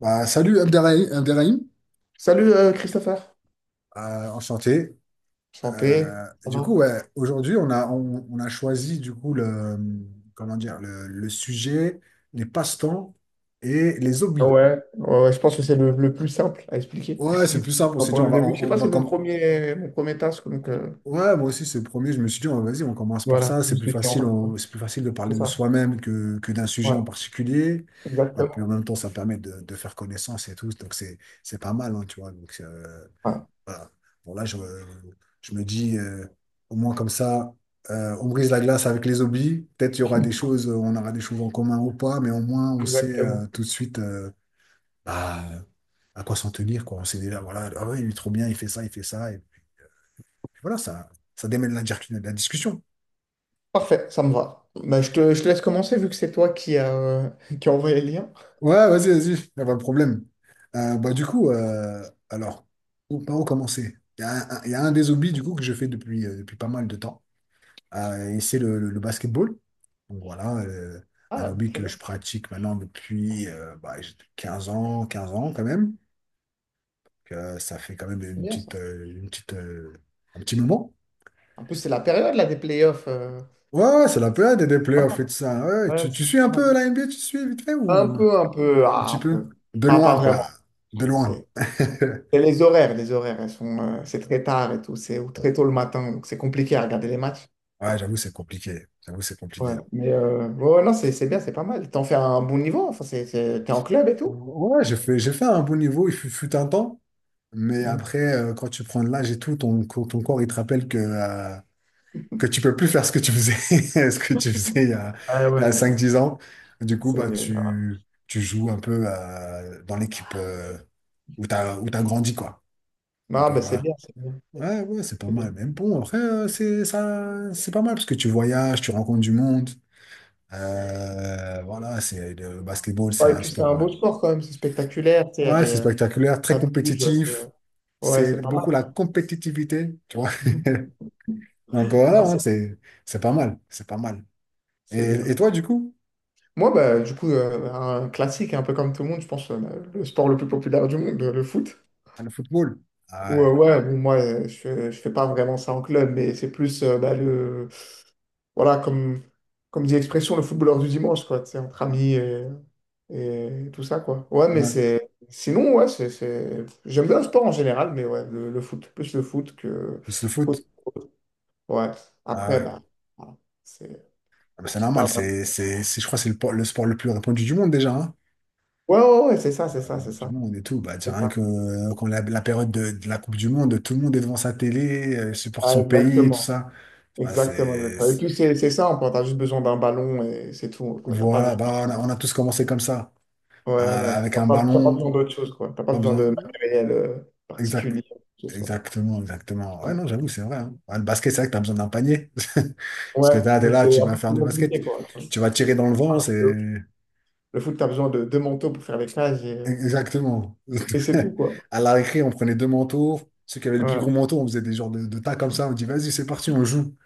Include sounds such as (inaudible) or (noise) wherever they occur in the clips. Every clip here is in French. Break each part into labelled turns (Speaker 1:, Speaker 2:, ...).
Speaker 1: Bah, salut Abderrahim.
Speaker 2: Salut Christopher.
Speaker 1: Enchanté.
Speaker 2: Santé. Ça
Speaker 1: Du coup,
Speaker 2: va?
Speaker 1: ouais, aujourd'hui, on a choisi du coup le, comment dire, le sujet, les passe-temps et les
Speaker 2: Ah
Speaker 1: hobbies.
Speaker 2: ouais, ouais, ouais, je pense que c'est le plus simple à expliquer.
Speaker 1: Ouais, c'est le plus
Speaker 2: (laughs)
Speaker 1: simple. On
Speaker 2: Enfin,
Speaker 1: s'est dit,
Speaker 2: pour
Speaker 1: on
Speaker 2: le
Speaker 1: va,
Speaker 2: début, je
Speaker 1: on,
Speaker 2: sais
Speaker 1: on
Speaker 2: pas,
Speaker 1: va
Speaker 2: c'est
Speaker 1: comme,
Speaker 2: mon premier task, donc
Speaker 1: ouais, moi aussi, c'est le premier. Je me suis dit, vas-y, on commence par
Speaker 2: voilà,
Speaker 1: ça.
Speaker 2: je
Speaker 1: C'est plus
Speaker 2: suis
Speaker 1: facile.
Speaker 2: en quoi.
Speaker 1: C'est plus facile de
Speaker 2: C'est
Speaker 1: parler de
Speaker 2: ça.
Speaker 1: soi-même que d'un sujet
Speaker 2: Ouais,
Speaker 1: en particulier. Et puis en
Speaker 2: exactement.
Speaker 1: même temps, ça permet de faire connaissance et tout. Donc c'est pas mal, hein, tu vois. Donc,
Speaker 2: Ouais,
Speaker 1: voilà. Bon, là, je me dis, au moins comme ça, on brise la glace avec les hobbies. Peut-être il y aura des choses, on aura des choses en commun ou pas, mais au moins, on sait
Speaker 2: exactement.
Speaker 1: tout de suite, bah, à quoi s'en tenir, quoi. On sait déjà, voilà, ah ouais, il est trop bien, il fait ça, il fait ça. Et puis, voilà, ça démêle la discussion.
Speaker 2: Parfait, ça me va. Bah, je te laisse commencer vu que c'est toi qui a, (laughs) qui a envoyé le lien.
Speaker 1: Ouais, vas-y, vas-y, il n'y a pas de problème. Bah, du coup, alors, par où commencer? Il y a un- il y a un des hobbies, du coup, que je fais depuis pas mal de temps. Et c'est le basketball. Donc voilà, un
Speaker 2: Ah,
Speaker 1: hobby
Speaker 2: très
Speaker 1: que
Speaker 2: bien,
Speaker 1: je pratique maintenant depuis bah, j'ai 15 ans, 15 ans quand même. Donc, ça fait quand même
Speaker 2: c'est
Speaker 1: une
Speaker 2: bien ça.
Speaker 1: petite, euh, une petite, euh, un petit moment.
Speaker 2: En plus, c'est la période là des playoffs.
Speaker 1: Ouais, ouais, c'est la période des
Speaker 2: Pas
Speaker 1: playoffs
Speaker 2: mal.
Speaker 1: et tout ça. Ouais, ouais.
Speaker 2: Ouais,
Speaker 1: tu,
Speaker 2: c'est
Speaker 1: tu suis
Speaker 2: pas
Speaker 1: un peu
Speaker 2: mal.
Speaker 1: la NBA, tu suis vite fait ou un
Speaker 2: Un peu, ah,
Speaker 1: petit
Speaker 2: un
Speaker 1: peu?
Speaker 2: peu.
Speaker 1: De
Speaker 2: Pas, pas
Speaker 1: loin, quoi.
Speaker 2: vraiment.
Speaker 1: De loin.
Speaker 2: C'est
Speaker 1: (laughs)
Speaker 2: Et les horaires, elles sont, c'est très tard et tout, c'est ou très tôt le matin, donc c'est compliqué à regarder les matchs.
Speaker 1: Ouais, j'avoue, c'est compliqué. J'avoue, c'est compliqué.
Speaker 2: Ouais, mais ouais, ouais, non, c'est bien, c'est pas mal. T'en fais un bon niveau, enfin, t'es en club et tout.
Speaker 1: Ouais, j'ai fait un bon niveau, il fut un temps. Mais
Speaker 2: Mm.
Speaker 1: après, quand tu prends de l'âge et tout, ton corps, il te rappelle que que tu peux plus faire ce que tu faisais, (laughs) ce que tu faisais il y a,
Speaker 2: Ah
Speaker 1: il y a
Speaker 2: ouais, bah,
Speaker 1: 5-10 ans. Du coup,
Speaker 2: c'est...
Speaker 1: bah, tu joues un peu dans l'équipe où t'as grandi, quoi.
Speaker 2: Non,
Speaker 1: Donc,
Speaker 2: bah, c'est
Speaker 1: voilà.
Speaker 2: bien, c'est bien,
Speaker 1: Ouais, ouais, c'est pas
Speaker 2: c'est bien.
Speaker 1: mal. Mais bon, après, c'est ça, c'est pas mal parce que tu voyages, tu rencontres du monde. Voilà, c'est le basketball, c'est
Speaker 2: Ouais, et
Speaker 1: un
Speaker 2: puis c'est
Speaker 1: sport.
Speaker 2: un
Speaker 1: euh,
Speaker 2: beau sport quand même, c'est spectaculaire, tu sais, il y a
Speaker 1: Ouais,
Speaker 2: des
Speaker 1: c'est spectaculaire, très
Speaker 2: pattes rouges, c'est
Speaker 1: compétitif.
Speaker 2: ouais,
Speaker 1: C'est
Speaker 2: c'est pas mal.
Speaker 1: beaucoup la compétitivité, tu vois.
Speaker 2: (laughs)
Speaker 1: (laughs) Donc
Speaker 2: Non,
Speaker 1: voilà, hein,
Speaker 2: c'est
Speaker 1: c'est pas mal, c'est pas mal. Et,
Speaker 2: c'est bien.
Speaker 1: et toi, du coup?
Speaker 2: Moi, bah, du coup, un classique, un peu comme tout le monde, je pense, le sport le plus populaire du monde, le foot.
Speaker 1: Le football.
Speaker 2: Ouais,
Speaker 1: Ah
Speaker 2: ouais, bon, moi, je fais pas vraiment ça en club, mais c'est plus, bah, le, voilà, comme, comme dit l'expression, le footballeur du dimanche, quoi, tu sais, entre amis et tout ça, quoi. Ouais, mais
Speaker 1: ouais, ouais.
Speaker 2: c'est, sinon, ouais, j'aime bien le sport en général, mais ouais, le foot, plus le foot que,
Speaker 1: Juste le
Speaker 2: foot.
Speaker 1: foot.
Speaker 2: Ouais.
Speaker 1: Ah
Speaker 2: Après,
Speaker 1: ouais, ouais.
Speaker 2: bah, voilà, c'est
Speaker 1: Ah bah, c'est
Speaker 2: pas
Speaker 1: normal,
Speaker 2: vraiment.
Speaker 1: je crois que c'est le sport le plus répandu du monde déjà, hein.
Speaker 2: Ouais, ouais, ouais, c'est ça, c'est ça, c'est
Speaker 1: Du
Speaker 2: ça,
Speaker 1: monde et tout. Bah, tiens,
Speaker 2: c'est
Speaker 1: rien que
Speaker 2: ça.
Speaker 1: quand la période de la Coupe du Monde, tout le monde est devant sa télé, supporte
Speaker 2: Ah,
Speaker 1: son pays et tout
Speaker 2: exactement,
Speaker 1: ça. Ah,
Speaker 2: exactement,
Speaker 1: c'est,
Speaker 2: exactement. Et
Speaker 1: c'est-
Speaker 2: puis, c'est ça, on t'as juste besoin d'un ballon et c'est tout, quoi, t'as pas
Speaker 1: Voilà,
Speaker 2: besoin.
Speaker 1: bah, on a tous commencé comme ça. Hein,
Speaker 2: Ouais, ouais.
Speaker 1: avec un
Speaker 2: T'as pas besoin
Speaker 1: ballon,
Speaker 2: d'autre chose, quoi. T'as pas
Speaker 1: pas
Speaker 2: besoin
Speaker 1: besoin.
Speaker 2: de matériel
Speaker 1: Exact.
Speaker 2: particulier, quoi que ce soit.
Speaker 1: Exactement, exactement. Ouais,
Speaker 2: Ouais,
Speaker 1: non, j'avoue, c'est vrai, hein. Ouais, le basket, c'est vrai que tu as besoin d'un panier. (laughs) Parce que
Speaker 2: ouais,
Speaker 1: t'es
Speaker 2: donc
Speaker 1: là,
Speaker 2: c'est
Speaker 1: tu
Speaker 2: un
Speaker 1: vas
Speaker 2: peu
Speaker 1: faire
Speaker 2: plus
Speaker 1: du basket,
Speaker 2: compliqué, quoi.
Speaker 1: tu vas tirer dans le vent,
Speaker 2: Alors que
Speaker 1: c'est...
Speaker 2: Le foot, t'as besoin de deux manteaux pour faire les cages
Speaker 1: Exactement.
Speaker 2: et c'est tout, quoi.
Speaker 1: (laughs) À la récré, on prenait 2 manteaux. Ceux qui avaient le plus gros
Speaker 2: Voilà,
Speaker 1: manteau, on faisait des genres de tas comme ça. On dit, vas-y, c'est parti, on joue.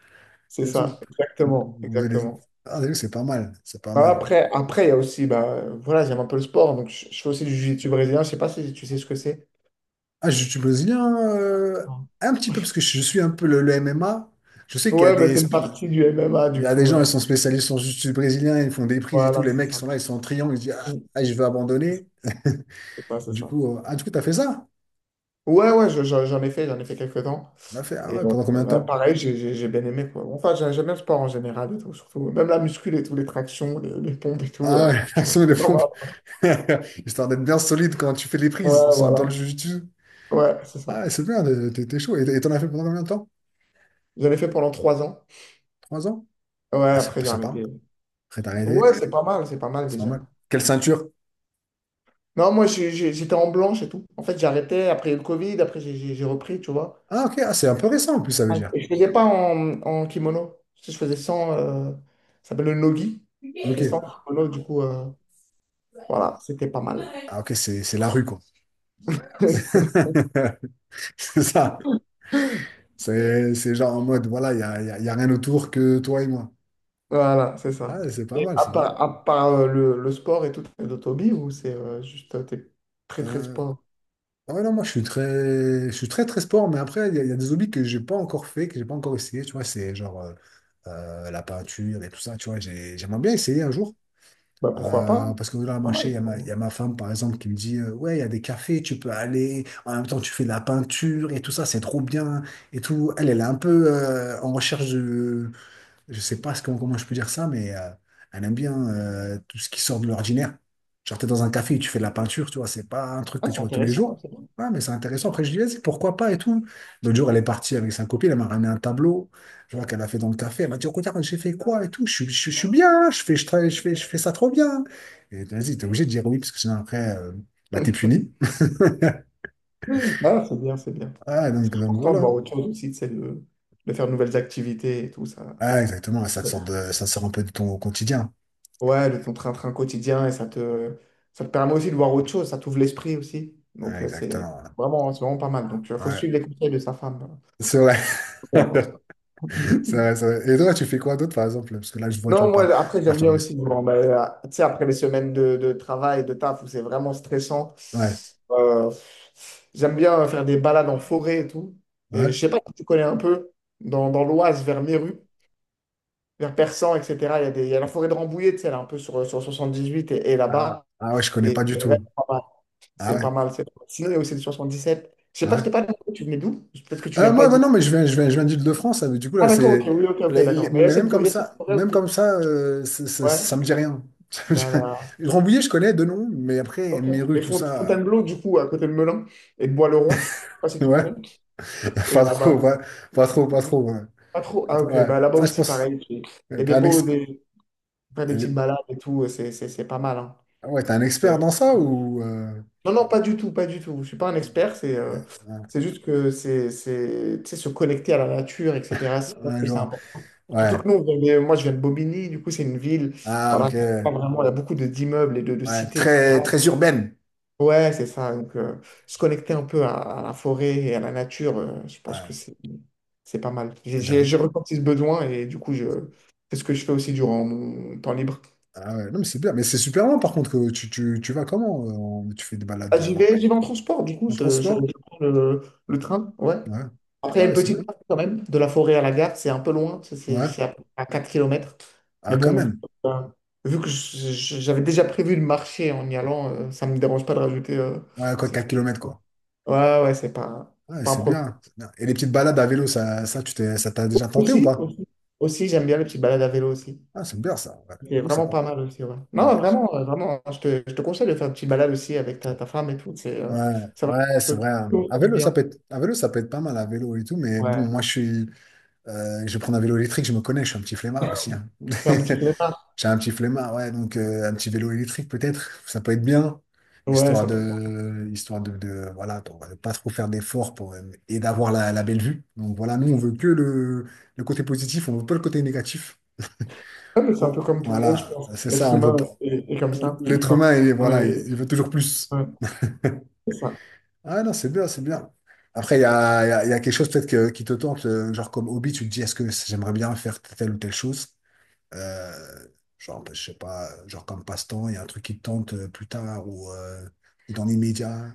Speaker 2: c'est
Speaker 1: Et tout.
Speaker 2: ça,
Speaker 1: On-
Speaker 2: exactement,
Speaker 1: on faisait des-
Speaker 2: exactement.
Speaker 1: Ah, t'as vu, c'est pas mal, c'est pas
Speaker 2: Bah,
Speaker 1: mal.
Speaker 2: après, il y a aussi, bah, voilà, j'aime un peu le sport, donc je fais aussi du jiu-jitsu brésilien. Je sais pas si tu sais ce que c'est.
Speaker 1: Ah, je suis brésilien,
Speaker 2: Non.
Speaker 1: un petit peu, parce que je suis un peu le MMA. Je sais qu'il y a
Speaker 2: Ouais, bah,
Speaker 1: des...
Speaker 2: c'est une partie du MMA,
Speaker 1: Il y
Speaker 2: du
Speaker 1: a des
Speaker 2: coup.
Speaker 1: gens,
Speaker 2: euh,
Speaker 1: ils sont spécialistes, ils sont juste brésiliens, ils font des prises et tout.
Speaker 2: Voilà,
Speaker 1: Les
Speaker 2: c'est
Speaker 1: mecs, ils
Speaker 2: ça.
Speaker 1: sont là, ils sont en triangle, ils se disent, ah,
Speaker 2: Mm.
Speaker 1: ah, je vais abandonner. (laughs)
Speaker 2: C'est ça, c'est
Speaker 1: Du
Speaker 2: ça.
Speaker 1: coup, t'as fait ça?
Speaker 2: Ouais, ouais, j'en ai fait quelques temps.
Speaker 1: On a fait, ah
Speaker 2: Et
Speaker 1: ouais, pendant combien de
Speaker 2: bah,
Speaker 1: temps?
Speaker 2: pareil, j'ai bien aimé, quoi. Enfin, j'aime bien le sport en général et tout, surtout. Même la muscule et tout, les tractions, les pompes et tout.
Speaker 1: Ah, (laughs) l'action de
Speaker 2: C'est pas mal.
Speaker 1: pompe. (laughs) Histoire d'être bien solide quand tu fais les prises
Speaker 2: Ouais,
Speaker 1: dans le
Speaker 2: voilà.
Speaker 1: jiu-jitsu.
Speaker 2: Ouais, c'est
Speaker 1: Ah,
Speaker 2: ça.
Speaker 1: ouais, c'est bien, t'es chaud. Et t'en as fait pendant combien de temps?
Speaker 2: J'en ai fait pendant 3 ans.
Speaker 1: 3 ans?
Speaker 2: Ouais,
Speaker 1: Ah, ça,
Speaker 2: après j'ai
Speaker 1: ça parle.
Speaker 2: arrêté.
Speaker 1: Après, t'as
Speaker 2: Ouais,
Speaker 1: arrêté.
Speaker 2: c'est pas mal
Speaker 1: C'est pas
Speaker 2: déjà.
Speaker 1: mal. Quelle ceinture?
Speaker 2: Non, moi j'étais en blanche et tout. En fait, j'ai arrêté après le Covid, après j'ai repris, tu vois.
Speaker 1: Ah, ok, ah, c'est un peu récent en plus, ça veut dire.
Speaker 2: Et je faisais pas en, en kimono. Je faisais sans, ça s'appelle le nogi.
Speaker 1: Ok.
Speaker 2: C'est sans kimono, du coup. Voilà, c'était pas mal.
Speaker 1: Ah, ok, c'est la rue, quoi.
Speaker 2: (laughs)
Speaker 1: (laughs) C'est ça. C'est genre en mode, voilà, il n'y a, y a- y a rien autour que toi et moi.
Speaker 2: Voilà, c'est ça.
Speaker 1: Ah, c'est pas mal, c'est pas mal.
Speaker 2: À part, le sport et tout, t'as d'autres hobbies ou c'est juste t'es très très
Speaker 1: Euh,
Speaker 2: sport?
Speaker 1: ouais, non, moi, je suis très, très sport, mais après, il y a des hobbies que j'ai pas encore fait, que j'ai pas encore essayé, tu vois, c'est genre la peinture et tout ça, tu vois, j'aimerais bien essayer un jour.
Speaker 2: Bah pourquoi pas, hein.
Speaker 1: Parce que là, moi,
Speaker 2: Pas
Speaker 1: je sais, il
Speaker 2: mal.
Speaker 1: y a ma, y a ma femme, par exemple, qui me dit, ouais, il y a des cafés, tu peux aller, en même temps, tu fais de la peinture et tout ça, c'est trop bien et tout. Elle, elle est un peu en recherche, je sais pas comment je peux dire ça, mais elle aime bien tout ce qui sort de l'ordinaire. Genre, t'es dans un café et tu fais de la peinture, tu vois, c'est pas un truc
Speaker 2: Ah,
Speaker 1: que tu
Speaker 2: c'est
Speaker 1: vois tous les jours.
Speaker 2: intéressant, c'est bien.
Speaker 1: Ouais, mais c'est intéressant. Après, je dis, vas-y, pourquoi pas et tout. L'autre jour, elle est partie avec sa copine, elle m'a ramené un tableau, je vois qu'elle a fait dans le café. Elle m'a dit, regarde, j'ai fait quoi et tout. Je suis bien, je fais, je, travaille- je fais ça trop bien. Et vas-y, t'es obligé de dire oui, parce que sinon, après, bah, t'es
Speaker 2: (laughs)
Speaker 1: puni.
Speaker 2: Ah, c'est bien, c'est bien.
Speaker 1: Ah, donc,
Speaker 2: C'est
Speaker 1: donc
Speaker 2: important de voir
Speaker 1: voilà.
Speaker 2: autre chose aussi, c'est de faire de nouvelles activités et tout ça.
Speaker 1: Ah, exactement, ça te sort un peu de ton quotidien.
Speaker 2: Ouais, le ton train-train quotidien et ça te permet aussi de voir autre chose, ça t'ouvre l'esprit aussi.
Speaker 1: Ah,
Speaker 2: Donc
Speaker 1: exactement, voilà.
Speaker 2: c'est vraiment pas mal. Donc il faut
Speaker 1: Ouais,
Speaker 2: suivre les conseils de sa femme.
Speaker 1: c'est vrai.
Speaker 2: Faut faire,
Speaker 1: (laughs) C'est
Speaker 2: Mhm.
Speaker 1: vrai, c'est vrai. Et toi, tu fais quoi d'autre, par exemple? Parce que là, je vois, tu me
Speaker 2: Non, moi,
Speaker 1: parles
Speaker 2: après, j'aime
Speaker 1: d'Arthur
Speaker 2: bien
Speaker 1: Guest.
Speaker 2: aussi, bon, ben, tu sais, après les semaines de travail, de taf, où c'est vraiment stressant,
Speaker 1: Ouais,
Speaker 2: euh, j'aime bien faire des balades en forêt et tout. Et je
Speaker 1: ouais.
Speaker 2: sais pas si tu connais un peu, dans l'Oise, vers Méru, vers Persan, etc., il y a la forêt de Rambouillet, tu sais, elle est un peu sur 78 et
Speaker 1: Ah,
Speaker 2: là-bas.
Speaker 1: ah ouais, je connais
Speaker 2: Et
Speaker 1: pas du
Speaker 2: c'est vraiment
Speaker 1: tout.
Speaker 2: pas mal.
Speaker 1: Ah
Speaker 2: C'est
Speaker 1: ouais,
Speaker 2: pas mal, c'est pas mal. Sinon, il y a aussi le 77. Je sais pas, je t'ai
Speaker 1: ouais.
Speaker 2: pas dit, tu venais d'où? Peut-être que tu viens pas
Speaker 1: Moi, bah
Speaker 2: d'ici.
Speaker 1: non, mais je viens d'Île-de-France. Du coup, là,
Speaker 2: Ah, d'accord, ok,
Speaker 1: c'est.
Speaker 2: oui, ok, ok, d'accord. Mais il y a
Speaker 1: Mais
Speaker 2: il y a cette forêt
Speaker 1: même comme
Speaker 2: aussi.
Speaker 1: ça, ça
Speaker 2: Ouais.
Speaker 1: me dit rien. (laughs) Ça me dit
Speaker 2: là
Speaker 1: rien.
Speaker 2: là
Speaker 1: Rambouillet, je connais de nom, mais après,
Speaker 2: Ok.
Speaker 1: mes rues,
Speaker 2: Et
Speaker 1: tout ça.
Speaker 2: Fontainebleau, du coup, à côté de Melun et de Bois-le-Roi, je sais pas si tu
Speaker 1: Ouais,
Speaker 2: connais,
Speaker 1: (laughs)
Speaker 2: c'est
Speaker 1: pas trop,
Speaker 2: là-bas.
Speaker 1: ouais. Pas trop, pas trop. Ouais.
Speaker 2: Pas trop.
Speaker 1: Pas
Speaker 2: Ah,
Speaker 1: trop,
Speaker 2: ok.
Speaker 1: ouais.
Speaker 2: Bah, là-bas
Speaker 1: Ça, je
Speaker 2: aussi,
Speaker 1: pense.
Speaker 2: pareil. Il y
Speaker 1: euh,
Speaker 2: a
Speaker 1: T'es
Speaker 2: des
Speaker 1: un,
Speaker 2: beaux,
Speaker 1: ex-
Speaker 2: des, enfin, des petites
Speaker 1: euh,
Speaker 2: balades et tout. C'est pas mal, hein.
Speaker 1: ouais, t'es un
Speaker 2: C'est,
Speaker 1: expert
Speaker 2: euh,
Speaker 1: dans ça ou.
Speaker 2: Non, non, pas du tout, pas du tout. Je suis pas un expert.
Speaker 1: Ouais, ouais,
Speaker 2: C'est juste que c'est, tu sais, se connecter à la nature, etc. Je pense
Speaker 1: ouais,
Speaker 2: que
Speaker 1: je
Speaker 2: c'est
Speaker 1: vois.
Speaker 2: important. Surtout
Speaker 1: Ouais.
Speaker 2: que nous, moi, je viens de Bobigny. Du coup, c'est une ville.
Speaker 1: Ah,
Speaker 2: Voilà,
Speaker 1: ok.
Speaker 2: pas vraiment, il y a beaucoup d'immeubles et de
Speaker 1: Ouais,
Speaker 2: cités.
Speaker 1: très, très urbaine.
Speaker 2: Ouais, c'est ça. Donc, se connecter un peu à la forêt et à la nature, je pense
Speaker 1: Ouais,
Speaker 2: que c'est pas mal.
Speaker 1: j'avoue.
Speaker 2: J'ai ressenti ce besoin et du coup, c'est ce que je fais aussi durant mon temps libre.
Speaker 1: Ah ouais, non, mais c'est bien. Mais c'est super loin, par contre, que tu vas comment? Tu fais des
Speaker 2: Ah,
Speaker 1: balades en,
Speaker 2: j'y vais en transport, du coup,
Speaker 1: en
Speaker 2: je, je-
Speaker 1: transport?
Speaker 2: je prends le train, ouais.
Speaker 1: Ouais.
Speaker 2: Après, il
Speaker 1: Ah
Speaker 2: y a une
Speaker 1: ouais, c'est
Speaker 2: petite
Speaker 1: bien.
Speaker 2: marche quand même, de la forêt à la gare, c'est un peu loin,
Speaker 1: Ouais.
Speaker 2: c'est à 4 km.
Speaker 1: Ah,
Speaker 2: Mais
Speaker 1: quand
Speaker 2: bon,
Speaker 1: même.
Speaker 2: vu que j'avais déjà prévu de marcher en y allant, ça me dérange pas de rajouter.
Speaker 1: Ouais, quoi,
Speaker 2: Ces
Speaker 1: 4 km quoi.
Speaker 2: Ouais, ouais, c'est
Speaker 1: Ouais,
Speaker 2: pas un
Speaker 1: c'est
Speaker 2: problème.
Speaker 1: bien. c'est bien. Et les petites balades à vélo, ça t'a déjà tenté ou
Speaker 2: Aussi,
Speaker 1: pas?
Speaker 2: aussi, aussi j'aime bien les petites balades à vélo aussi.
Speaker 1: Ah, c'est bien, ça. Ouais.
Speaker 2: C'est
Speaker 1: J'avoue, c'est
Speaker 2: vraiment
Speaker 1: pas
Speaker 2: pas mal aussi, ouais.
Speaker 1: mal.
Speaker 2: Non,
Speaker 1: Ouais.
Speaker 2: vraiment, vraiment, hein, je te conseille de faire une petite balade aussi avec ta femme et tout. C'est,
Speaker 1: Ouais,
Speaker 2: ça va
Speaker 1: ouais,
Speaker 2: Ça
Speaker 1: c'est
Speaker 2: peut
Speaker 1: vrai. hein. À
Speaker 2: faire du
Speaker 1: vélo, ça peut
Speaker 2: bien.
Speaker 1: être, à vélo, ça peut être pas mal, à vélo et tout, mais bon,
Speaker 2: Ouais.
Speaker 1: moi, je suis, je vais prendre un vélo électrique, je me connais, je suis un petit flemmard aussi, hein. (laughs)
Speaker 2: C'est un petit départ.
Speaker 1: J'ai un petit flemmard, ouais, donc un petit vélo électrique peut-être, ça peut être bien,
Speaker 2: Ouais,
Speaker 1: histoire
Speaker 2: ça peut
Speaker 1: de, histoire de, de pas trop faire d'efforts pour et d'avoir la belle vue. Donc voilà, nous on veut que le côté positif, on veut pas le côté négatif.
Speaker 2: Ouais, mais c'est un peu
Speaker 1: Oh,
Speaker 2: comme tout le monde, je
Speaker 1: voilà,
Speaker 2: pense.
Speaker 1: c'est ça,
Speaker 2: L'être
Speaker 1: on veut pas.
Speaker 2: humain est, est comme ça.
Speaker 1: L'être humain, il, voilà, il
Speaker 2: Est-
Speaker 1: il veut toujours plus.
Speaker 2: ouais, c'est ça.
Speaker 1: Ah non, c'est bien, c'est bien. Après, il y a, il y a, il y a quelque chose peut-être qui te tente, genre comme hobby, tu te dis, est-ce que j'aimerais bien faire telle ou telle chose? Euh, genre, bah, je sais pas, genre comme passe-temps, il y a un truc qui te tente plus tard ou dans l'immédiat.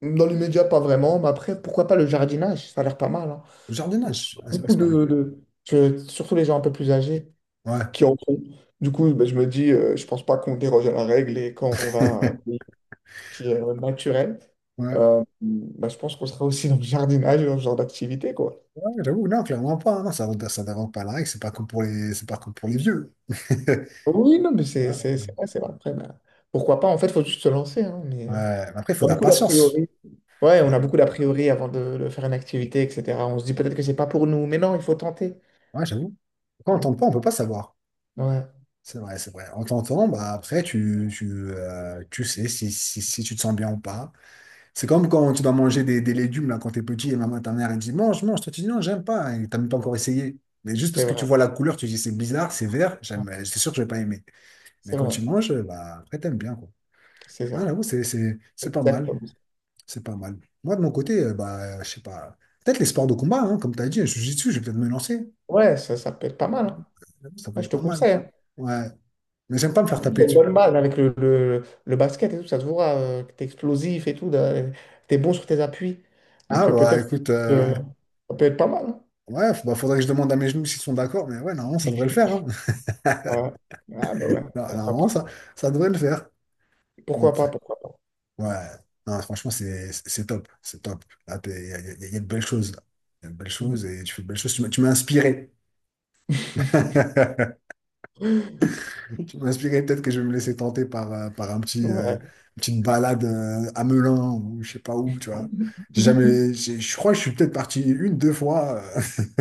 Speaker 2: Dans l'immédiat, pas vraiment, mais après, pourquoi pas le jardinage? Ça a l'air pas mal, hein.
Speaker 1: Le jardinage, ah, c'est vrai que
Speaker 2: Beaucoup
Speaker 1: c'est pas mal.
Speaker 2: de- que- Surtout les gens un peu plus âgés,
Speaker 1: Ouais.
Speaker 2: qui en font. Du coup, ben, je me dis, je pense pas qu'on déroge à la règle et quand on va à un pays
Speaker 1: (laughs)
Speaker 2: qui est naturel,
Speaker 1: Ouais,
Speaker 2: ben, je pense qu'on sera aussi dans le jardinage, dans ce genre d'activité, quoi.
Speaker 1: ouais, j'avoue, non, clairement pas. Non, ça dérange pas la règle, c'est pas comme pour les vieux. (laughs)
Speaker 2: Oui, non, mais
Speaker 1: Ouais, ouais.
Speaker 2: c'est vrai, c'est vrai. Après, ben, pourquoi pas? En fait, il faut juste se lancer, hein, mais...
Speaker 1: Ouais, mais après, il faut
Speaker 2: On
Speaker 1: de
Speaker 2: a
Speaker 1: la
Speaker 2: beaucoup d'a
Speaker 1: patience.
Speaker 2: priori. Ouais,
Speaker 1: Faut de
Speaker 2: on a
Speaker 1: la-
Speaker 2: beaucoup d'a priori avant de faire une activité, etc. On se dit peut-être que c'est pas pour nous, mais non, il faut tenter.
Speaker 1: Ouais, j'avoue. Quand on
Speaker 2: Ouais,
Speaker 1: tente pas, on peut pas savoir.
Speaker 2: ouais,
Speaker 1: C'est vrai, c'est vrai. En tentant, bah, après, tu sais si tu te sens bien ou pas. C'est comme quand tu dois manger des légumes là, quand t'es petit et maman, ta mère, elle dit mange, mange. Toi, tu dis non, j'aime pas. Et t'as même pas encore essayé. Mais juste parce
Speaker 2: c'est
Speaker 1: que tu
Speaker 2: vrai.
Speaker 1: vois la couleur, tu dis c'est bizarre, c'est vert,
Speaker 2: Ouais,
Speaker 1: c'est sûr que je vais pas aimer. Mais
Speaker 2: c'est
Speaker 1: quand
Speaker 2: vrai,
Speaker 1: tu manges, bah, après, t'aimes bien, quoi.
Speaker 2: c'est
Speaker 1: Ah,
Speaker 2: ça.
Speaker 1: là, ouais, c'est pas mal.
Speaker 2: Exactement.
Speaker 1: C'est pas mal. Moi, de mon côté, bah, je sais pas. Peut-être les sports de combat, hein, comme t'as dit, je suis dessus, je vais peut-être me lancer.
Speaker 2: Ouais, ça peut être pas mal, hein.
Speaker 1: Ça peut
Speaker 2: Ouais, je
Speaker 1: être
Speaker 2: te
Speaker 1: pas mal.
Speaker 2: conseille, hein.
Speaker 1: Ouais. Mais j'aime pas me faire taper
Speaker 2: T'as une
Speaker 1: dessus.
Speaker 2: bonne balle avec le, le basket et tout, ça se voit que t'es explosif et tout, de- t'es bon sur tes appuis.
Speaker 1: Ah,
Speaker 2: Donc euh,
Speaker 1: bah,
Speaker 2: peut-être
Speaker 1: écoute,
Speaker 2: euh, ça peut être pas mal, hein.
Speaker 1: ouais, bah, faudrait que je demande à mes genoux s'ils sont d'accord. Mais ouais, normalement, ça devrait le faire, hein. (laughs)
Speaker 2: Ouais. Ah bah ouais,
Speaker 1: Non,
Speaker 2: pourquoi pas.
Speaker 1: normalement, ça devrait le faire. On
Speaker 2: Pourquoi
Speaker 1: t-
Speaker 2: pas, pourquoi pas.
Speaker 1: Ouais, non, franchement, c'est top. C'est top. Là, il y a de belles choses là. Il y a de belles choses
Speaker 2: Mhm.
Speaker 1: et tu fais de belles choses. Tu m'as inspiré. (laughs) Tu m'as inspiré. Peut-être que je vais me laisser tenter par une
Speaker 2: Ouais.
Speaker 1: petite balade à Melun ou je sais pas où, tu vois. J'ai
Speaker 2: (laughs)
Speaker 1: jamais, j'ai- je crois que je suis peut-être parti une, deux fois. (laughs)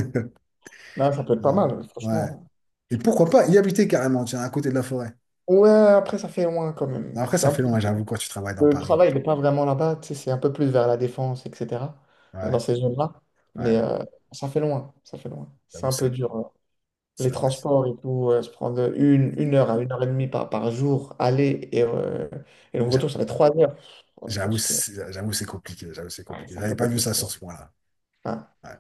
Speaker 2: Non, ça peut être
Speaker 1: Ouais.
Speaker 2: pas mal,
Speaker 1: Ouais.
Speaker 2: franchement.
Speaker 1: Et pourquoi pas y habiter carrément, tiens, à côté de la forêt.
Speaker 2: Ouais, après ça fait loin quand même.
Speaker 1: Après,
Speaker 2: C'est
Speaker 1: ça
Speaker 2: un
Speaker 1: fait
Speaker 2: peu...
Speaker 1: long, hein, j'avoue, quand tu travailles dans
Speaker 2: Le
Speaker 1: Paris.
Speaker 2: travail n'est pas vraiment là-bas, tu sais, c'est un peu plus vers la défense, etc. Dans
Speaker 1: Ouais,
Speaker 2: ces zones-là.
Speaker 1: ouais,
Speaker 2: Mais ça fait loin, ça fait loin. C'est
Speaker 1: j'avoue,
Speaker 2: un
Speaker 1: c'est
Speaker 2: peu
Speaker 1: vrai,
Speaker 2: dur.
Speaker 1: c'est
Speaker 2: Les transports et tout, se prendre 1 heure à 1 heure et demie par, par jour, aller et le
Speaker 1: vrai.
Speaker 2: retour, ça fait 3 heures. Oh, Je pense que
Speaker 1: J'avoue, c'est compliqué. J'avoue, c'est
Speaker 2: Ah,
Speaker 1: compliqué.
Speaker 2: c'est un
Speaker 1: J'avais
Speaker 2: peu
Speaker 1: pas vu ça
Speaker 2: compliqué.
Speaker 1: sur ce point-là.
Speaker 2: Ah,
Speaker 1: Ouais.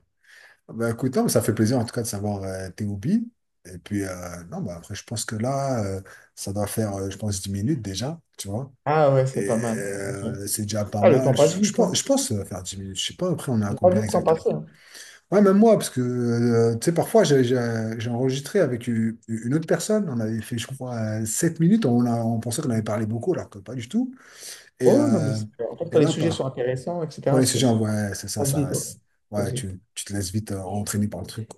Speaker 1: Bah, écoute, non, mais ça fait plaisir en tout cas de savoir tes hobbies. Et puis, non, bah, après, je pense que là, ça doit faire, je pense, 10 minutes déjà, tu vois.
Speaker 2: ah ouais,
Speaker 1: Et
Speaker 2: c'est pas mal. Ouais, ok.
Speaker 1: c'est déjà pas
Speaker 2: Ah, le temps
Speaker 1: mal.
Speaker 2: passe
Speaker 1: Je, je
Speaker 2: vite,
Speaker 1: pense,
Speaker 2: hein.
Speaker 1: je pense faire 10 minutes. Je sais pas, après, on est à
Speaker 2: J'ai pas vu
Speaker 1: combien
Speaker 2: le temps
Speaker 1: exactement.
Speaker 2: passer, hein.
Speaker 1: Ouais, même moi, parce que, tu sais, parfois, j'ai enregistré avec une autre personne. On avait fait, je crois, 7 minutes. On pensait qu'on avait parlé beaucoup, alors que pas du tout. Et,
Speaker 2: Oh, non, mais
Speaker 1: euh,
Speaker 2: c'est- en fait,
Speaker 1: et
Speaker 2: quand les
Speaker 1: là,
Speaker 2: sujets sont
Speaker 1: pas.
Speaker 2: intéressants, etc.,
Speaker 1: Premier sujet,
Speaker 2: ça
Speaker 1: ouais, c'est ça,
Speaker 2: passe vite.
Speaker 1: ça.
Speaker 2: Ouais. Ça passe
Speaker 1: Ouais,
Speaker 2: vite.
Speaker 1: tu te laisses vite entraîner par le truc.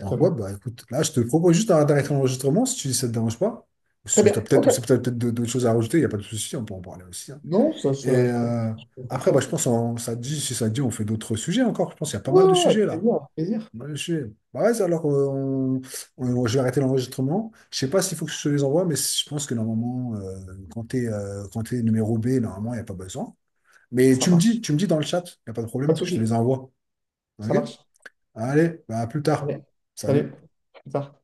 Speaker 1: Donc, ouais, bah écoute, là, je te propose juste d'arrêter l'enregistrement si ça te dérange pas. Ou
Speaker 2: Très
Speaker 1: Si
Speaker 2: bien,
Speaker 1: t'as peut-être,
Speaker 2: ok.
Speaker 1: ou si t'as peut-être d'autres choses à rajouter, il n'y a pas de souci, on peut en parler aussi, hein.
Speaker 2: Non, ça,
Speaker 1: Et
Speaker 2: ça pour pour le
Speaker 1: après, bah, je
Speaker 2: tour.
Speaker 1: pense, ça te dit, si ça te dit, on fait d'autres sujets encore. Je pense qu'il y a pas
Speaker 2: Ouais,
Speaker 1: mal
Speaker 2: ouais,
Speaker 1: de
Speaker 2: ouais,
Speaker 1: sujets
Speaker 2: avec
Speaker 1: là.
Speaker 2: plaisir, avec plaisir.
Speaker 1: Pas mal de sujets. Bah, vas-y, alors, je vais arrêter l'enregistrement. Je sais pas s'il faut que je te les envoie, mais je pense que normalement, quand t'es numéro B, normalement, il n'y a pas besoin. Mais
Speaker 2: Ça
Speaker 1: tu me dis,
Speaker 2: marche.
Speaker 1: tu me dis dans le chat, il n'y a pas de
Speaker 2: Pas
Speaker 1: problème,
Speaker 2: de
Speaker 1: je te
Speaker 2: souci,
Speaker 1: les envoie. OK?
Speaker 2: ça marche.
Speaker 1: Allez, bah, à plus tard.
Speaker 2: Allez,
Speaker 1: Salut.
Speaker 2: salut. Au revoir.